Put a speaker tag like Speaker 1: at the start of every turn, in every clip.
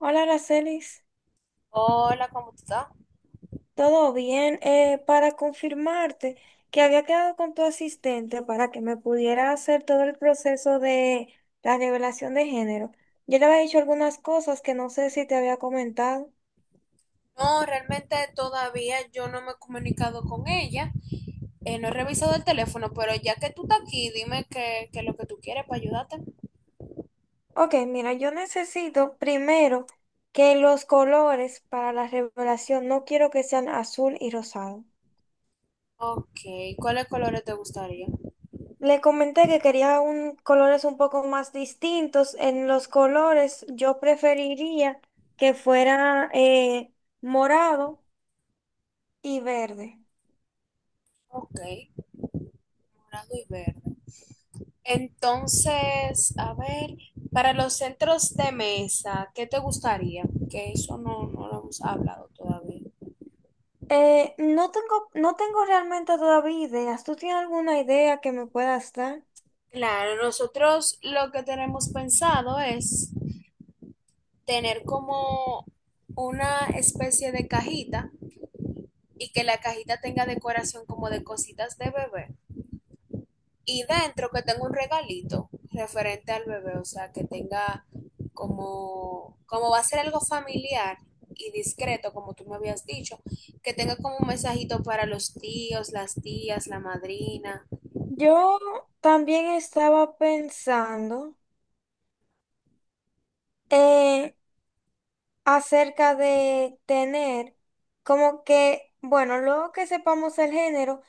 Speaker 1: Hola, Aracelis.
Speaker 2: Hola, ¿cómo tú estás?
Speaker 1: ¿Todo bien? Para confirmarte que había quedado con tu asistente para que me pudiera hacer todo el proceso de la revelación de género. Yo le había dicho algunas cosas que no sé si te había comentado.
Speaker 2: No, realmente todavía yo no me he comunicado con ella. No he revisado el teléfono, pero ya que tú estás aquí, dime qué es lo que tú quieres para ayudarte.
Speaker 1: Ok, mira, yo necesito primero que los colores para la revelación no quiero que sean azul y rosado.
Speaker 2: Ok, ¿cuáles colores te gustaría?
Speaker 1: Le comenté que quería colores un poco más distintos. En los colores yo preferiría que fuera morado y verde.
Speaker 2: Ok, morado y verde. Entonces, a ver, para los centros de mesa, ¿qué te gustaría? Que eso no, no lo hemos hablado todavía.
Speaker 1: No tengo realmente todavía ideas. ¿Tú tienes alguna idea que me puedas dar?
Speaker 2: Claro, nosotros lo que tenemos pensado es tener como una especie de cajita y que la cajita tenga decoración como de cositas de bebé. Y dentro que tenga un regalito referente al bebé, o sea, que tenga como, como va a ser algo familiar y discreto, como tú me habías dicho, que tenga como un mensajito para los tíos, las tías, la madrina.
Speaker 1: Yo también estaba pensando eh, acerca de tener como que, bueno, luego que sepamos el género,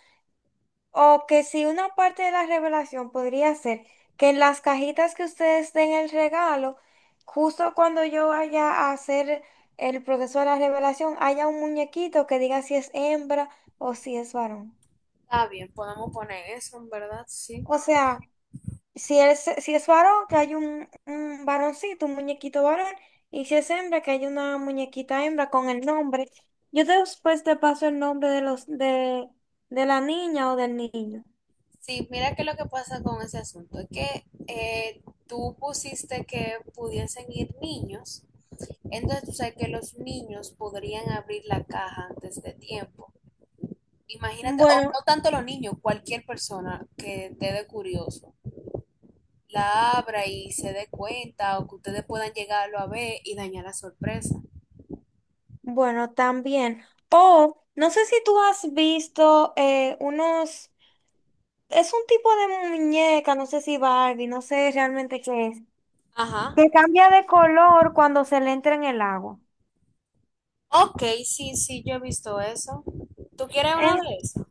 Speaker 1: o que si una parte de la revelación podría ser que en las cajitas que ustedes den el regalo, justo cuando yo vaya a hacer el proceso de la revelación, haya un muñequito que diga si es hembra o si es varón.
Speaker 2: Está bien, podemos poner eso, en verdad, sí.
Speaker 1: O sea, si es varón, que hay un varoncito, un muñequito varón, y si es hembra, que hay una muñequita hembra con el nombre. Yo después te paso el nombre de la niña o del niño.
Speaker 2: Sí, mira que lo que pasa con ese asunto es que tú pusiste que pudiesen ir niños, entonces tú sabes que los niños podrían abrir la caja antes de tiempo. Imagínate, o
Speaker 1: Bueno,
Speaker 2: no tanto los niños, cualquier persona que esté de curioso, la abra y se dé cuenta o que ustedes puedan llegarlo a ver y dañar la sorpresa.
Speaker 1: bueno, también. O no sé si tú has visto es un tipo de muñeca, no sé si Barbie, no sé realmente qué es,
Speaker 2: Ajá.
Speaker 1: que cambia de color cuando se le entra en el agua.
Speaker 2: Ok, sí, sí, yo he visto eso. ¿Tú quieres una
Speaker 1: En-
Speaker 2: de esas?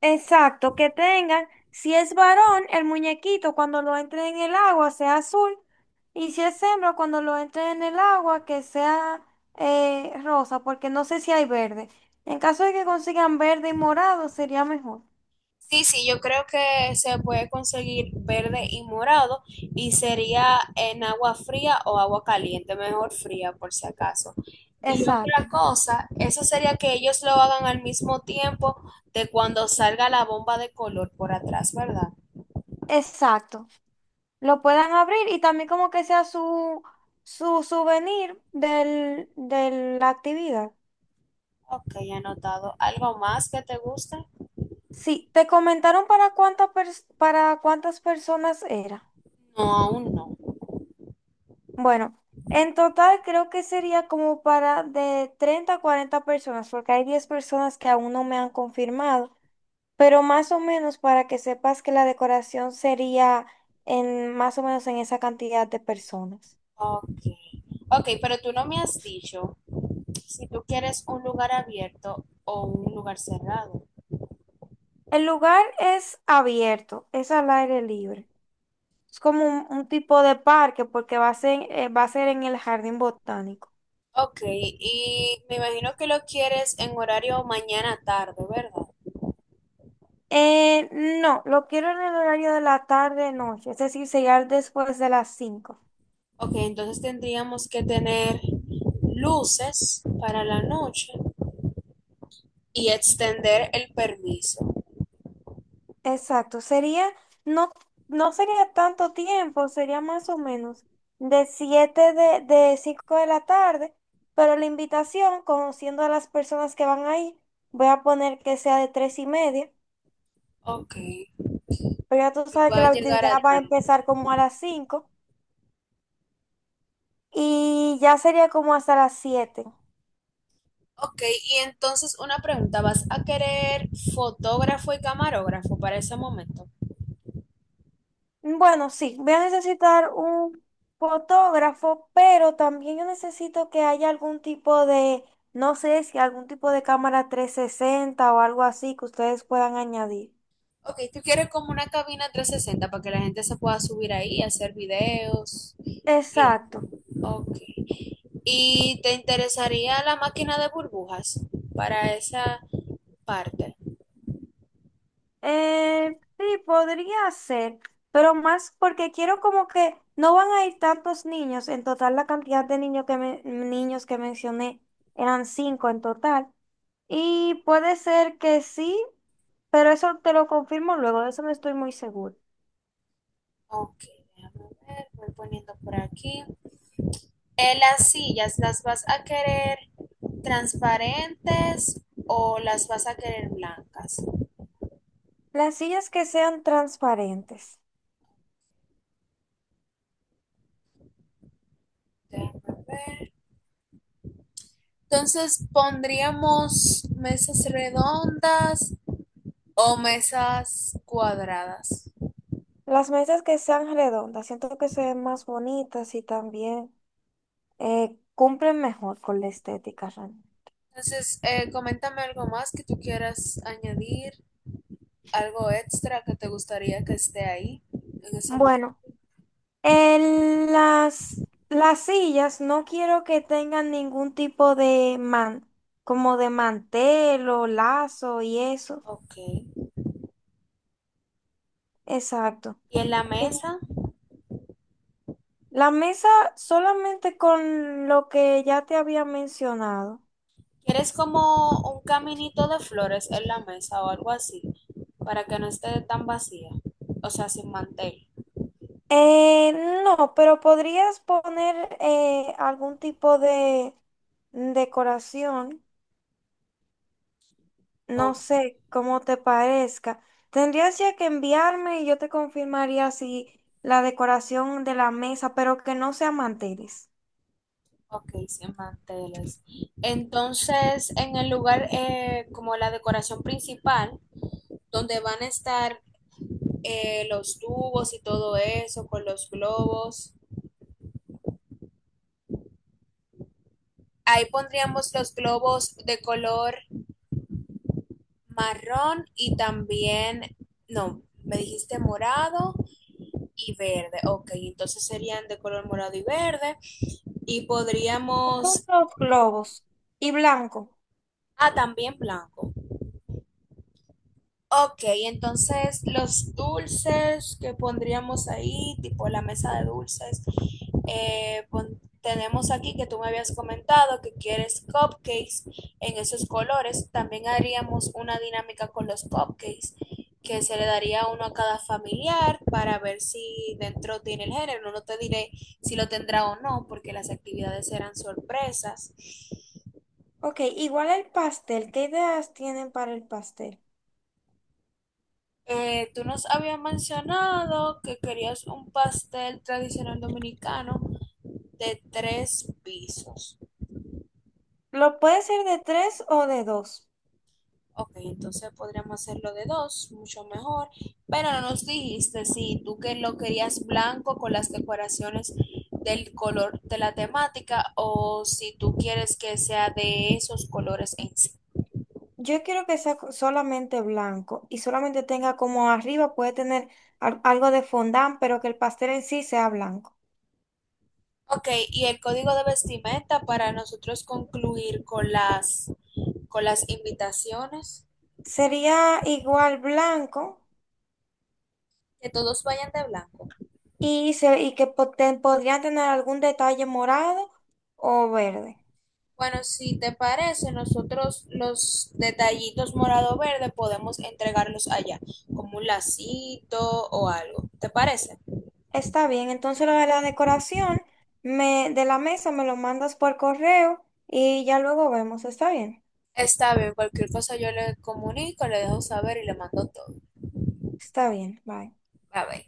Speaker 1: exacto, que tengan, si es varón, el muñequito cuando lo entre en el agua sea azul, y si es hembra, cuando lo entre en el agua que sea rosa, porque no sé si hay verde. En caso de que consigan verde y morado, sería mejor.
Speaker 2: Sí, sí, yo creo que se puede conseguir verde y morado y sería en agua fría o agua caliente, mejor fría por si acaso. Y otra
Speaker 1: Exacto.
Speaker 2: cosa, eso sería que ellos lo hagan al mismo tiempo de cuando salga la bomba de color por atrás, ¿verdad?
Speaker 1: Exacto. Lo puedan abrir y también como que sea su, su souvenir del, de la actividad.
Speaker 2: Ok, anotado. ¿Algo más que te guste?
Speaker 1: Sí, te comentaron para para cuántas personas era.
Speaker 2: No, aún no.
Speaker 1: Bueno, en total creo que sería como para de 30 a 40 personas, porque hay 10 personas que aún no me han confirmado, pero más o menos para que sepas que la decoración sería en más o menos en esa cantidad de personas.
Speaker 2: Ok. Ok, pero tú no me has dicho si tú quieres un lugar abierto o un lugar cerrado.
Speaker 1: El lugar es abierto, es al aire libre. Es como un tipo de parque porque va a ser en el jardín botánico.
Speaker 2: Ok, y me imagino que lo quieres en horario mañana tarde, ¿verdad?
Speaker 1: Eh, no, lo quiero en el horario de la tarde-noche, es decir, sería después de las 5.
Speaker 2: Ok, entonces tendríamos que tener luces para la noche y extender el permiso.
Speaker 1: Exacto, sería, no, no sería tanto tiempo, sería más o menos de 5 de la tarde, pero la invitación, conociendo a las personas que van ahí, voy a poner que sea de 3:30,
Speaker 2: Ok,
Speaker 1: pero ya tú
Speaker 2: que
Speaker 1: sabes que la
Speaker 2: puedan llegar
Speaker 1: actividad
Speaker 2: a
Speaker 1: va a
Speaker 2: ti.
Speaker 1: empezar como a las 5. Y ya sería como hasta las 7.
Speaker 2: Ok, y entonces una pregunta, ¿vas a querer fotógrafo y camarógrafo para ese momento?
Speaker 1: Bueno, sí, voy a necesitar un fotógrafo, pero también yo necesito que haya algún tipo de, no sé si algún tipo de cámara 360 o algo así que ustedes puedan añadir.
Speaker 2: Ok, tú quieres como una cabina 360 para que la gente se pueda subir ahí, hacer videos. y-
Speaker 1: Exacto.
Speaker 2: Ok. ¿Y te interesaría la máquina de burbujas para esa parte?
Speaker 1: Sí, podría ser, pero más porque quiero como que no van a ir tantos niños. En total, la cantidad de niños niños que mencioné eran cinco en total. Y puede ser que sí, pero eso te lo confirmo luego, de eso no estoy muy seguro.
Speaker 2: Ok, déjame ver, voy poniendo por aquí. Las sillas, ¿las vas a querer transparentes o las vas a querer blancas?
Speaker 1: Las sillas que sean transparentes,
Speaker 2: Déjame ver. Entonces pondríamos mesas redondas o mesas cuadradas.
Speaker 1: las mesas que sean redondas, siento que se ven más bonitas y también cumplen mejor con la estética realmente.
Speaker 2: Entonces, coméntame algo más que tú quieras añadir. Algo extra que te gustaría que esté ahí en ese momento.
Speaker 1: Bueno, en las sillas no quiero que tengan ningún tipo de como de mantel o lazo y eso.
Speaker 2: Ok.
Speaker 1: Exacto.
Speaker 2: ¿Y en la mesa?
Speaker 1: La mesa solamente con lo que ya te había mencionado.
Speaker 2: ¿Quieres como un caminito de flores en la mesa o algo así? Para que no esté tan vacía. O sea, sin mantel.
Speaker 1: Eh, no, pero podrías poner algún tipo de decoración, no
Speaker 2: O-
Speaker 1: sé cómo te parezca. Tendrías ya que enviarme y yo te confirmaría si la decoración de la mesa, pero que no sea manteles.
Speaker 2: ok, sin manteles. Entonces, en el lugar como la decoración principal, donde van a estar los tubos y todo eso, con los globos. Ahí pondríamos los globos de color marrón y también, no, me dijiste morado y verde. Ok, entonces serían de color morado y verde. Y
Speaker 1: Son
Speaker 2: podríamos,
Speaker 1: los globos y blanco.
Speaker 2: ah, también blanco. Ok, entonces los dulces que pondríamos ahí, tipo la mesa de dulces, tenemos aquí que tú me habías comentado que quieres cupcakes en esos colores. También haríamos una dinámica con los cupcakes, que se le daría uno a cada familiar para ver si dentro tiene el género. No te diré si lo tendrá o no, porque las actividades serán sorpresas.
Speaker 1: Ok, igual el pastel. ¿Qué ideas tienen para el pastel?
Speaker 2: Tú nos habías mencionado que querías un pastel tradicional dominicano de tres pisos.
Speaker 1: ¿Lo puede ser de tres o de dos?
Speaker 2: Ok, entonces podríamos hacerlo de dos, mucho mejor. Pero no nos dijiste si tú que lo querías blanco con las decoraciones del color de la temática o si tú quieres que sea de esos colores en sí.
Speaker 1: Yo quiero que sea solamente blanco y solamente tenga como arriba puede tener algo de fondant, pero que el pastel en sí sea blanco.
Speaker 2: Ok, y el código de vestimenta para nosotros concluir con las invitaciones,
Speaker 1: Sería igual blanco
Speaker 2: que todos vayan de blanco.
Speaker 1: y podrían tener algún detalle morado o verde.
Speaker 2: Bueno, si te parece, nosotros los detallitos morado-verde podemos entregarlos allá, como un lacito o algo. ¿Te parece?
Speaker 1: Está bien, entonces lo de la decoración de la mesa me lo mandas por correo y ya luego vemos.
Speaker 2: Está bien, cualquier cosa yo le comunico, le dejo saber y le mando todo.
Speaker 1: Está bien, bye.
Speaker 2: A ver.